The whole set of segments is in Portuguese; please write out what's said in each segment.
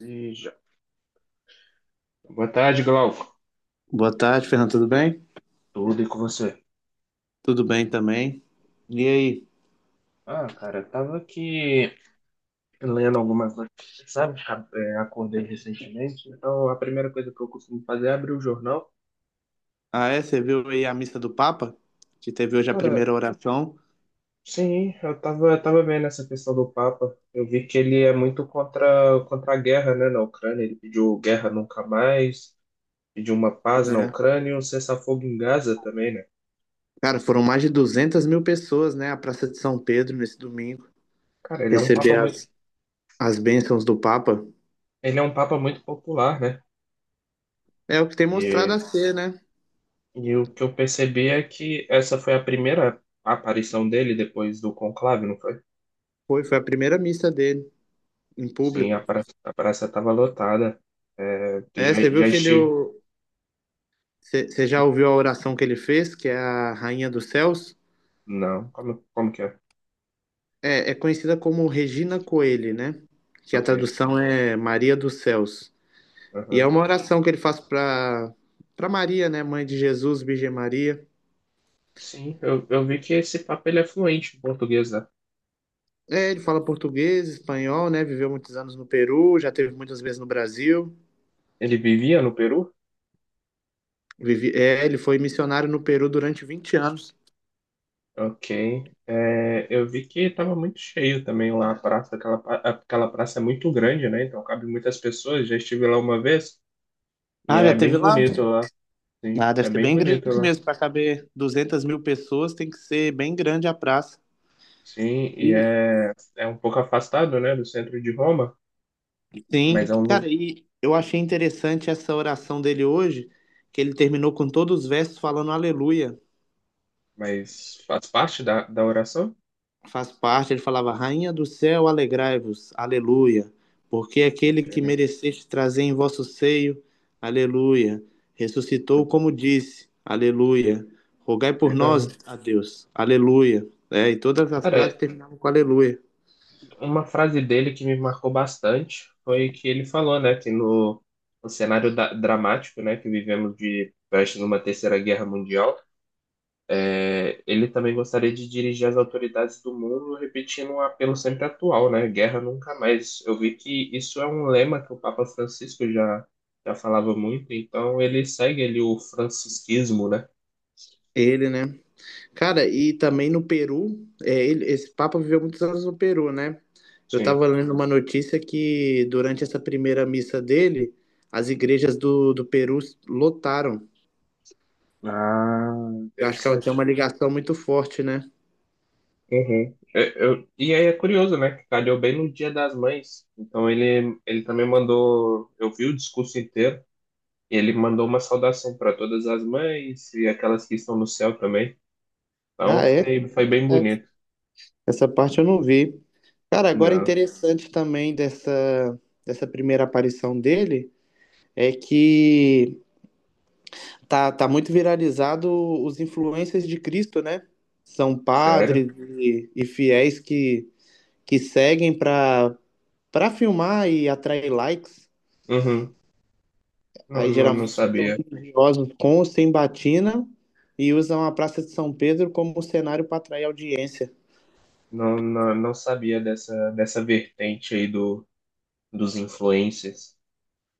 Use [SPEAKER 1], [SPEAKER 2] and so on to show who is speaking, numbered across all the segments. [SPEAKER 1] E já- Boa tarde, Glauco.
[SPEAKER 2] Boa tarde, Fernando. Tudo bem?
[SPEAKER 1] Tudo e com você?
[SPEAKER 2] Tudo bem também. E aí?
[SPEAKER 1] Ah, cara, eu tava aqui lendo alguma coisa, sabe? Acordei recentemente, então a primeira coisa que eu costumo fazer é abrir o jornal.
[SPEAKER 2] Ah, é? Você viu aí a missa do Papa? Que teve hoje a
[SPEAKER 1] Cara,
[SPEAKER 2] primeira oração.
[SPEAKER 1] sim, eu tava vendo essa questão do Papa. Eu vi que ele é muito contra a guerra, né, na Ucrânia. Ele pediu guerra nunca mais, pediu uma paz na
[SPEAKER 2] É.
[SPEAKER 1] Ucrânia e um cessar-fogo em Gaza também, né?
[SPEAKER 2] Cara, foram mais de 200 mil pessoas, né? A Praça de São Pedro, nesse domingo,
[SPEAKER 1] Cara,
[SPEAKER 2] receber as bênçãos do Papa.
[SPEAKER 1] ele é um papa muito popular, né?
[SPEAKER 2] É o que tem mostrado a ser, né?
[SPEAKER 1] E o que eu percebi é que essa foi a primeira aparição dele depois do conclave, não foi?
[SPEAKER 2] Foi a primeira missa dele, em
[SPEAKER 1] Sim, a
[SPEAKER 2] público.
[SPEAKER 1] praça, a praça estava lotada. É,
[SPEAKER 2] É.
[SPEAKER 1] já,
[SPEAKER 2] você viu
[SPEAKER 1] já
[SPEAKER 2] que ele...
[SPEAKER 1] estive.
[SPEAKER 2] o- Você já ouviu a oração que ele fez, que é a Rainha dos Céus?
[SPEAKER 1] Não, como que é?
[SPEAKER 2] É, é conhecida como Regina Coeli, né? Que a
[SPEAKER 1] Ok.
[SPEAKER 2] tradução é Maria dos Céus. E é
[SPEAKER 1] Aham.
[SPEAKER 2] uma oração que ele faz para Maria, né, mãe de Jesus, Virgem Maria.
[SPEAKER 1] Sim, eu vi que esse papo ele é fluente em português, né?
[SPEAKER 2] É, ele fala português, espanhol, né? Viveu muitos anos no Peru, já teve muitas vezes no Brasil.
[SPEAKER 1] Ele vivia no Peru?
[SPEAKER 2] Vivi, é, ele foi missionário no Peru durante 20 anos.
[SPEAKER 1] Ok. É, eu vi que estava muito cheio também lá a praça. Aquela praça é muito grande, né? Então cabe muitas pessoas. Já estive lá uma vez e
[SPEAKER 2] Ah,
[SPEAKER 1] é
[SPEAKER 2] já teve
[SPEAKER 1] bem
[SPEAKER 2] lá?
[SPEAKER 1] bonito lá. Sim,
[SPEAKER 2] Ah, deve
[SPEAKER 1] é
[SPEAKER 2] ser
[SPEAKER 1] bem
[SPEAKER 2] bem
[SPEAKER 1] bonito
[SPEAKER 2] grande
[SPEAKER 1] lá.
[SPEAKER 2] mesmo. Para caber 200 mil pessoas, tem que ser bem grande a praça.
[SPEAKER 1] Sim, e
[SPEAKER 2] E,
[SPEAKER 1] é um pouco afastado, né, do centro de Roma, mas
[SPEAKER 2] sim,
[SPEAKER 1] é um, lu-
[SPEAKER 2] cara, e eu achei interessante essa oração dele hoje, que ele terminou com todos os versos falando aleluia.
[SPEAKER 1] mas faz parte da oração.
[SPEAKER 2] Faz parte, ele falava: Rainha do céu, alegrai-vos, aleluia, porque aquele
[SPEAKER 1] Ok,
[SPEAKER 2] que mereceste trazer em vosso seio, aleluia, ressuscitou como disse, aleluia, rogai por nós
[SPEAKER 1] legal.
[SPEAKER 2] a Deus, aleluia. É, e todas as
[SPEAKER 1] Cara,
[SPEAKER 2] frases terminavam com aleluia.
[SPEAKER 1] uma frase dele que me marcou bastante foi que ele falou, né, que no cenário dramático, né, que vivemos de prestes numa terceira guerra mundial. É, ele também gostaria de dirigir as autoridades do mundo, repetindo um apelo sempre atual, né? Guerra nunca mais. Eu vi que isso é um lema que o Papa Francisco já falava muito, então ele segue ali o francisquismo, né?
[SPEAKER 2] Ele, né? Cara, e também no Peru, é, esse Papa viveu muitos anos no Peru, né? Eu
[SPEAKER 1] Sim.
[SPEAKER 2] estava lendo uma notícia que durante essa primeira missa dele, as igrejas do Peru lotaram.
[SPEAKER 1] Ah,
[SPEAKER 2] Eu acho que ela tem
[SPEAKER 1] interessante.
[SPEAKER 2] uma ligação muito forte, né?
[SPEAKER 1] Uhum. E aí é curioso, né? Que calhou bem no Dia das Mães. Então ele também mandou. Eu vi o discurso inteiro e ele mandou uma saudação para todas as mães e aquelas que estão no céu também. Então
[SPEAKER 2] Ah, é?
[SPEAKER 1] foi bem
[SPEAKER 2] É.
[SPEAKER 1] bonito.
[SPEAKER 2] Essa parte eu não vi. Cara, agora
[SPEAKER 1] Não,
[SPEAKER 2] interessante também dessa primeira aparição dele é que tá muito viralizado os influencers de Cristo, né? São
[SPEAKER 1] sério?
[SPEAKER 2] padres e fiéis que seguem para filmar e atrair likes.
[SPEAKER 1] Uhum. Não,
[SPEAKER 2] Aí
[SPEAKER 1] não, não
[SPEAKER 2] geralmente são
[SPEAKER 1] sabia.
[SPEAKER 2] religiosos com ou sem batina e usam a Praça de São Pedro como cenário para atrair audiência.
[SPEAKER 1] Não, não, não sabia dessa vertente aí do, dos influencers.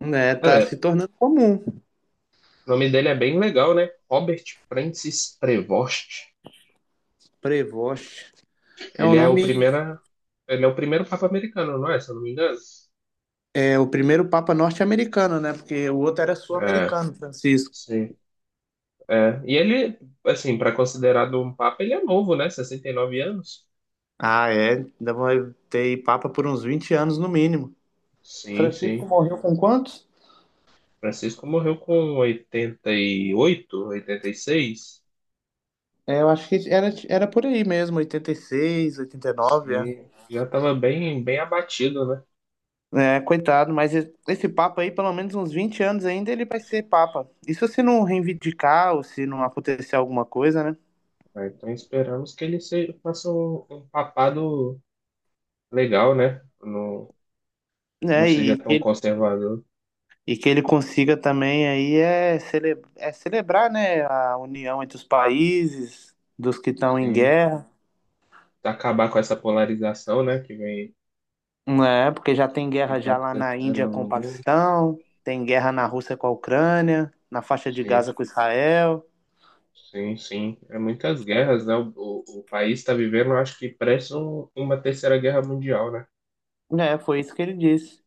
[SPEAKER 2] Né, tá
[SPEAKER 1] Cara,
[SPEAKER 2] se tornando comum.
[SPEAKER 1] o nome dele é bem legal, né? Robert Francis Prevost.
[SPEAKER 2] Prevost. É o
[SPEAKER 1] Ele é o
[SPEAKER 2] nome,
[SPEAKER 1] primeiro, ele é o primeiro Papa americano, não é? Se eu não me engano.
[SPEAKER 2] é o primeiro Papa norte-americano, né? Porque o outro era
[SPEAKER 1] É,
[SPEAKER 2] sul-americano, Francisco.
[SPEAKER 1] sim. É. E ele, assim, para considerado um Papa, ele é novo, né? 69 anos.
[SPEAKER 2] Ah, é. Ainda vai ter Papa por uns 20 anos no mínimo.
[SPEAKER 1] Sim,
[SPEAKER 2] Francisco
[SPEAKER 1] sim.
[SPEAKER 2] morreu com quantos?
[SPEAKER 1] Francisco morreu com oitenta e oito, 86.
[SPEAKER 2] É, eu acho que era por aí mesmo, 86, 89, é.
[SPEAKER 1] Sim, já estava bem, bem abatido, né?
[SPEAKER 2] É, coitado, mas esse Papa aí, pelo menos uns 20 anos ainda, ele vai ser Papa. Isso se não reivindicar ou se não acontecer alguma coisa, né?
[SPEAKER 1] Ah, então esperamos que ele seja, faça um papado legal, né? Não, não
[SPEAKER 2] né
[SPEAKER 1] seja
[SPEAKER 2] e
[SPEAKER 1] tão
[SPEAKER 2] que
[SPEAKER 1] conservador.
[SPEAKER 2] E que ele consiga também aí é celebrar, né, a união entre os países, dos que estão em
[SPEAKER 1] Sim.
[SPEAKER 2] guerra,
[SPEAKER 1] Acabar com essa polarização, né? Que vem
[SPEAKER 2] né? Porque já tem
[SPEAKER 1] que
[SPEAKER 2] guerra
[SPEAKER 1] tá
[SPEAKER 2] já lá na
[SPEAKER 1] acontecendo
[SPEAKER 2] Índia com o
[SPEAKER 1] no mundo.
[SPEAKER 2] Paquistão, tem guerra na Rússia com a Ucrânia, na faixa de
[SPEAKER 1] Sim,
[SPEAKER 2] Gaza com Israel.
[SPEAKER 1] sim, sim. É muitas guerras, né? O país está vivendo, acho que parece uma terceira guerra mundial, né?
[SPEAKER 2] É, foi isso que ele disse.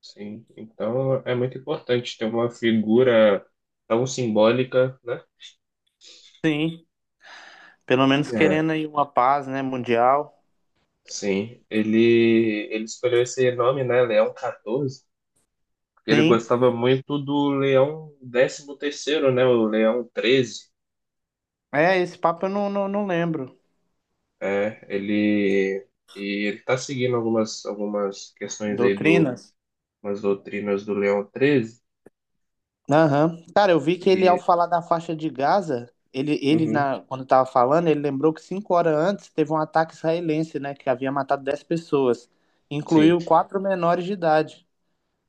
[SPEAKER 1] Sim, então é muito importante ter uma figura tão simbólica, né?
[SPEAKER 2] Sim, pelo menos
[SPEAKER 1] É.
[SPEAKER 2] querendo aí uma paz, né, mundial.
[SPEAKER 1] Sim, ele escolheu esse nome, né? Leão 14, porque ele
[SPEAKER 2] Sim,
[SPEAKER 1] gostava muito do Leão décimo terceiro, né? O Leão treze.
[SPEAKER 2] é, esse papo eu não lembro.
[SPEAKER 1] É, e ele tá seguindo algumas questões aí do,
[SPEAKER 2] Doutrinas?
[SPEAKER 1] umas doutrinas do Leão treze.
[SPEAKER 2] Aham. Cara, eu vi que ele, ao
[SPEAKER 1] E,
[SPEAKER 2] falar da faixa de Gaza,
[SPEAKER 1] uhum,
[SPEAKER 2] quando tava falando, ele lembrou que 5 horas antes teve um ataque israelense, né, que havia matado 10 pessoas,
[SPEAKER 1] sim,
[SPEAKER 2] incluiu quatro menores de idade.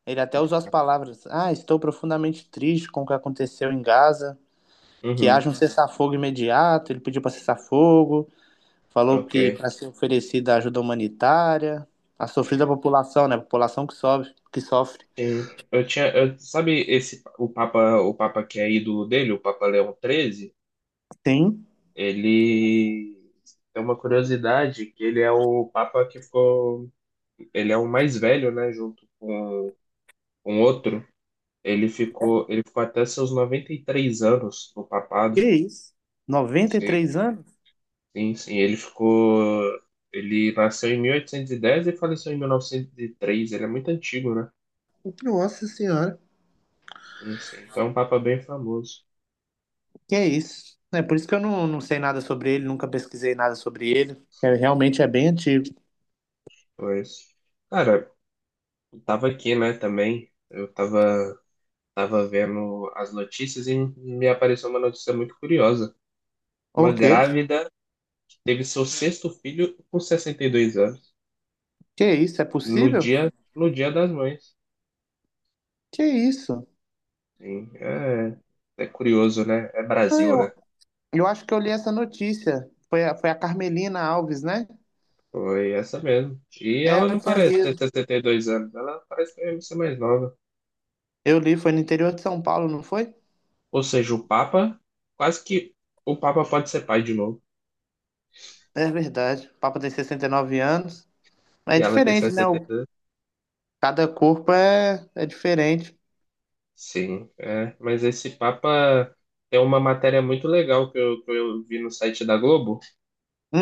[SPEAKER 2] Ele até usou as palavras: Ah, estou profundamente triste com o que aconteceu em Gaza, que
[SPEAKER 1] uhum,
[SPEAKER 2] haja um cessar-fogo imediato. Ele pediu para cessar-fogo, falou que
[SPEAKER 1] ok.
[SPEAKER 2] para ser oferecida ajuda humanitária, a sofrida população, né, a população que sofre, que sofre.
[SPEAKER 1] Sim, sabe esse o Papa, que é ídolo dele, o Papa Leão XIII,
[SPEAKER 2] Sim,
[SPEAKER 1] ele tem uma curiosidade que ele é o Papa que ficou, ele é o mais velho, né, junto com, um outro. Ele ficou até seus 93 anos no papado.
[SPEAKER 2] que isso?
[SPEAKER 1] Sim,
[SPEAKER 2] 93 anos?
[SPEAKER 1] sim, sim, ele ficou, ele nasceu em 1810 e faleceu em 1903. Ele é muito antigo, né?
[SPEAKER 2] Nossa senhora.
[SPEAKER 1] Sim, sim. Então é um Papa bem famoso.
[SPEAKER 2] Que é isso? É por isso que eu não sei nada sobre ele, nunca pesquisei nada sobre ele. É, realmente é bem antigo.
[SPEAKER 1] Pois. Cara, eu tava aqui, né, também. Eu tava vendo as notícias e me apareceu uma notícia muito curiosa. Uma
[SPEAKER 2] O quê?
[SPEAKER 1] grávida que teve seu sexto filho com 62 anos,
[SPEAKER 2] Que é isso? É
[SPEAKER 1] no
[SPEAKER 2] possível?
[SPEAKER 1] dia, no dia das mães.
[SPEAKER 2] Que é isso?
[SPEAKER 1] Sim, é curioso, né? É
[SPEAKER 2] Ah,
[SPEAKER 1] Brasil, né?
[SPEAKER 2] eu acho que eu li essa notícia. Foi a Carmelina Alves, né?
[SPEAKER 1] Foi essa mesmo. E
[SPEAKER 2] É,
[SPEAKER 1] ela
[SPEAKER 2] eu
[SPEAKER 1] não
[SPEAKER 2] tinha
[SPEAKER 1] parece ter
[SPEAKER 2] lido.
[SPEAKER 1] 62 anos, ela parece mesmo ser mais nova.
[SPEAKER 2] Eu li, foi no interior de São Paulo, não foi?
[SPEAKER 1] Ou seja, o Papa, quase que o Papa pode ser pai de novo.
[SPEAKER 2] É verdade. O Papa tem 69 anos. É
[SPEAKER 1] E ela tem
[SPEAKER 2] diferente, né?
[SPEAKER 1] 60.
[SPEAKER 2] Cada corpo é diferente.
[SPEAKER 1] Sim, é. Mas esse Papa tem uma matéria muito legal que eu vi no site da Globo.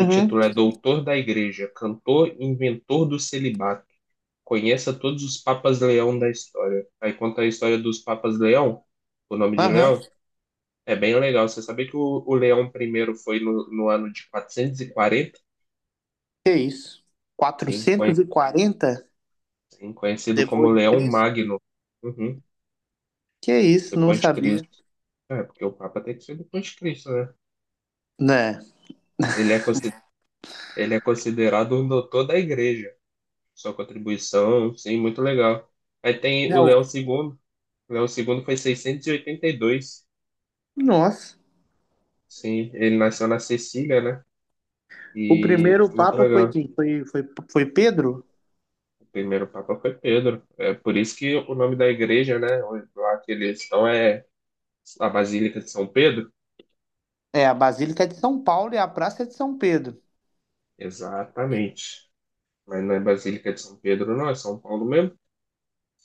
[SPEAKER 1] O título é Doutor da Igreja, cantor e inventor do celibato. Conheça todos os Papas Leão da história. Aí conta a história dos Papas Leão, o nome de
[SPEAKER 2] Aham.
[SPEAKER 1] Leão. É bem legal. Você sabia que o Leão I foi no ano de 440?
[SPEAKER 2] Que é isso?
[SPEAKER 1] Sim, conhe-
[SPEAKER 2] 440
[SPEAKER 1] sim, conhecido como
[SPEAKER 2] depois de
[SPEAKER 1] Leão
[SPEAKER 2] Cristo?
[SPEAKER 1] Magno. Uhum,
[SPEAKER 2] Que isso, não
[SPEAKER 1] depois de
[SPEAKER 2] sabia.
[SPEAKER 1] Cristo. É, porque o Papa tem que ser depois de Cristo, né?
[SPEAKER 2] Né?
[SPEAKER 1] Ele é, cons- Ele é considerado um doutor da igreja. Sua contribuição, sim, muito legal. Aí tem
[SPEAKER 2] É
[SPEAKER 1] o Leão
[SPEAKER 2] o-
[SPEAKER 1] II. O Leão II foi 682.
[SPEAKER 2] Nossa.
[SPEAKER 1] Sim, ele nasceu na Sicília, né?
[SPEAKER 2] O
[SPEAKER 1] E
[SPEAKER 2] primeiro
[SPEAKER 1] muito
[SPEAKER 2] papa foi
[SPEAKER 1] legal.
[SPEAKER 2] quem? Foi Pedro?
[SPEAKER 1] O primeiro papa foi Pedro. É por isso que o nome da igreja, né? Lá que eles estão é a Basílica de São Pedro.
[SPEAKER 2] É, a Basílica de São Paulo e a Praça de São Pedro.
[SPEAKER 1] Exatamente. Mas não é Basílica de São Pedro, não, é São Paulo mesmo.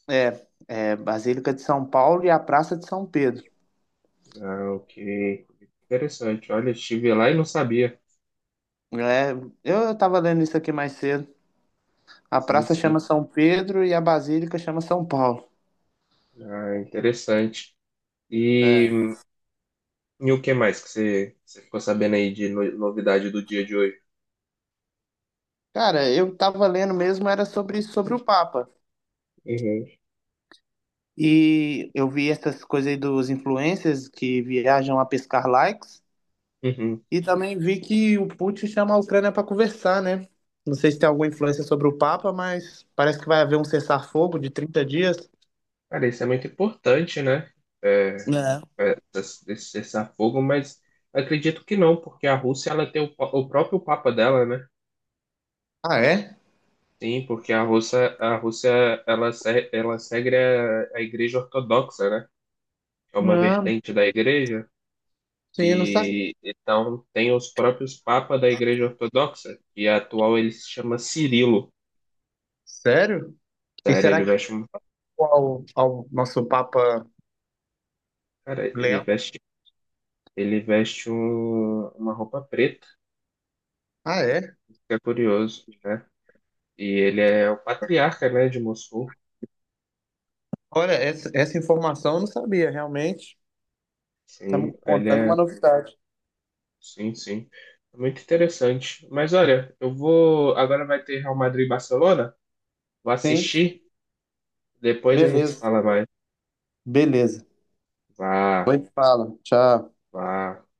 [SPEAKER 2] É, Basílica de São Paulo e a Praça de São Pedro.
[SPEAKER 1] Ah, ok. Interessante. Olha, estive lá e não sabia.
[SPEAKER 2] É, eu tava lendo isso aqui mais cedo. A
[SPEAKER 1] Sim,
[SPEAKER 2] praça
[SPEAKER 1] sim.
[SPEAKER 2] chama São Pedro e a Basílica chama São Paulo.
[SPEAKER 1] Ah, interessante.
[SPEAKER 2] É.
[SPEAKER 1] E, e o que mais que você ficou sabendo aí de novidade do dia de hoje?
[SPEAKER 2] Cara, eu tava lendo mesmo, era sobre o Papa.
[SPEAKER 1] Uhum.
[SPEAKER 2] E eu vi essas coisas aí dos influencers que viajam a pescar likes.
[SPEAKER 1] Uhum.
[SPEAKER 2] E também vi que o Putin chama a Ucrânia para conversar, né? Não sei se tem alguma influência sobre o Papa, mas parece que vai haver um cessar-fogo de 30 dias.
[SPEAKER 1] Cara, isso é muito importante, né? É,
[SPEAKER 2] Né?
[SPEAKER 1] é, esse cessar-fogo, mas acredito que não, porque a Rússia ela tem o próprio papa dela, né?
[SPEAKER 2] Ah, é?
[SPEAKER 1] Sim, porque a Rússia ela, se- ela segue a Igreja Ortodoxa, né? É uma
[SPEAKER 2] Não,
[SPEAKER 1] vertente da Igreja.
[SPEAKER 2] sim, eu não sabe.
[SPEAKER 1] E então tem os próprios papas da Igreja Ortodoxa, e a atual ele se chama Cirilo.
[SPEAKER 2] Sério? E
[SPEAKER 1] Sério,
[SPEAKER 2] será
[SPEAKER 1] ele
[SPEAKER 2] que
[SPEAKER 1] veste um.
[SPEAKER 2] ao nosso Papa
[SPEAKER 1] Cara, ele
[SPEAKER 2] Leão?
[SPEAKER 1] veste, ele veste uma roupa preta,
[SPEAKER 2] Ah, é?
[SPEAKER 1] isso que é curioso, né? E ele é o patriarca, né, de Mossul.
[SPEAKER 2] Olha, essa informação eu não sabia, realmente. Tá me
[SPEAKER 1] Sim, ele
[SPEAKER 2] contando
[SPEAKER 1] é.
[SPEAKER 2] uma novidade.
[SPEAKER 1] Sim, sim. Muito interessante. Mas olha, eu vou. Agora vai ter Real Madrid e Barcelona. Vou
[SPEAKER 2] Sim,
[SPEAKER 1] assistir. Depois a gente se
[SPEAKER 2] beleza,
[SPEAKER 1] fala mais.
[SPEAKER 2] beleza.
[SPEAKER 1] Vá,
[SPEAKER 2] Depois fala. Tchau.
[SPEAKER 1] vá.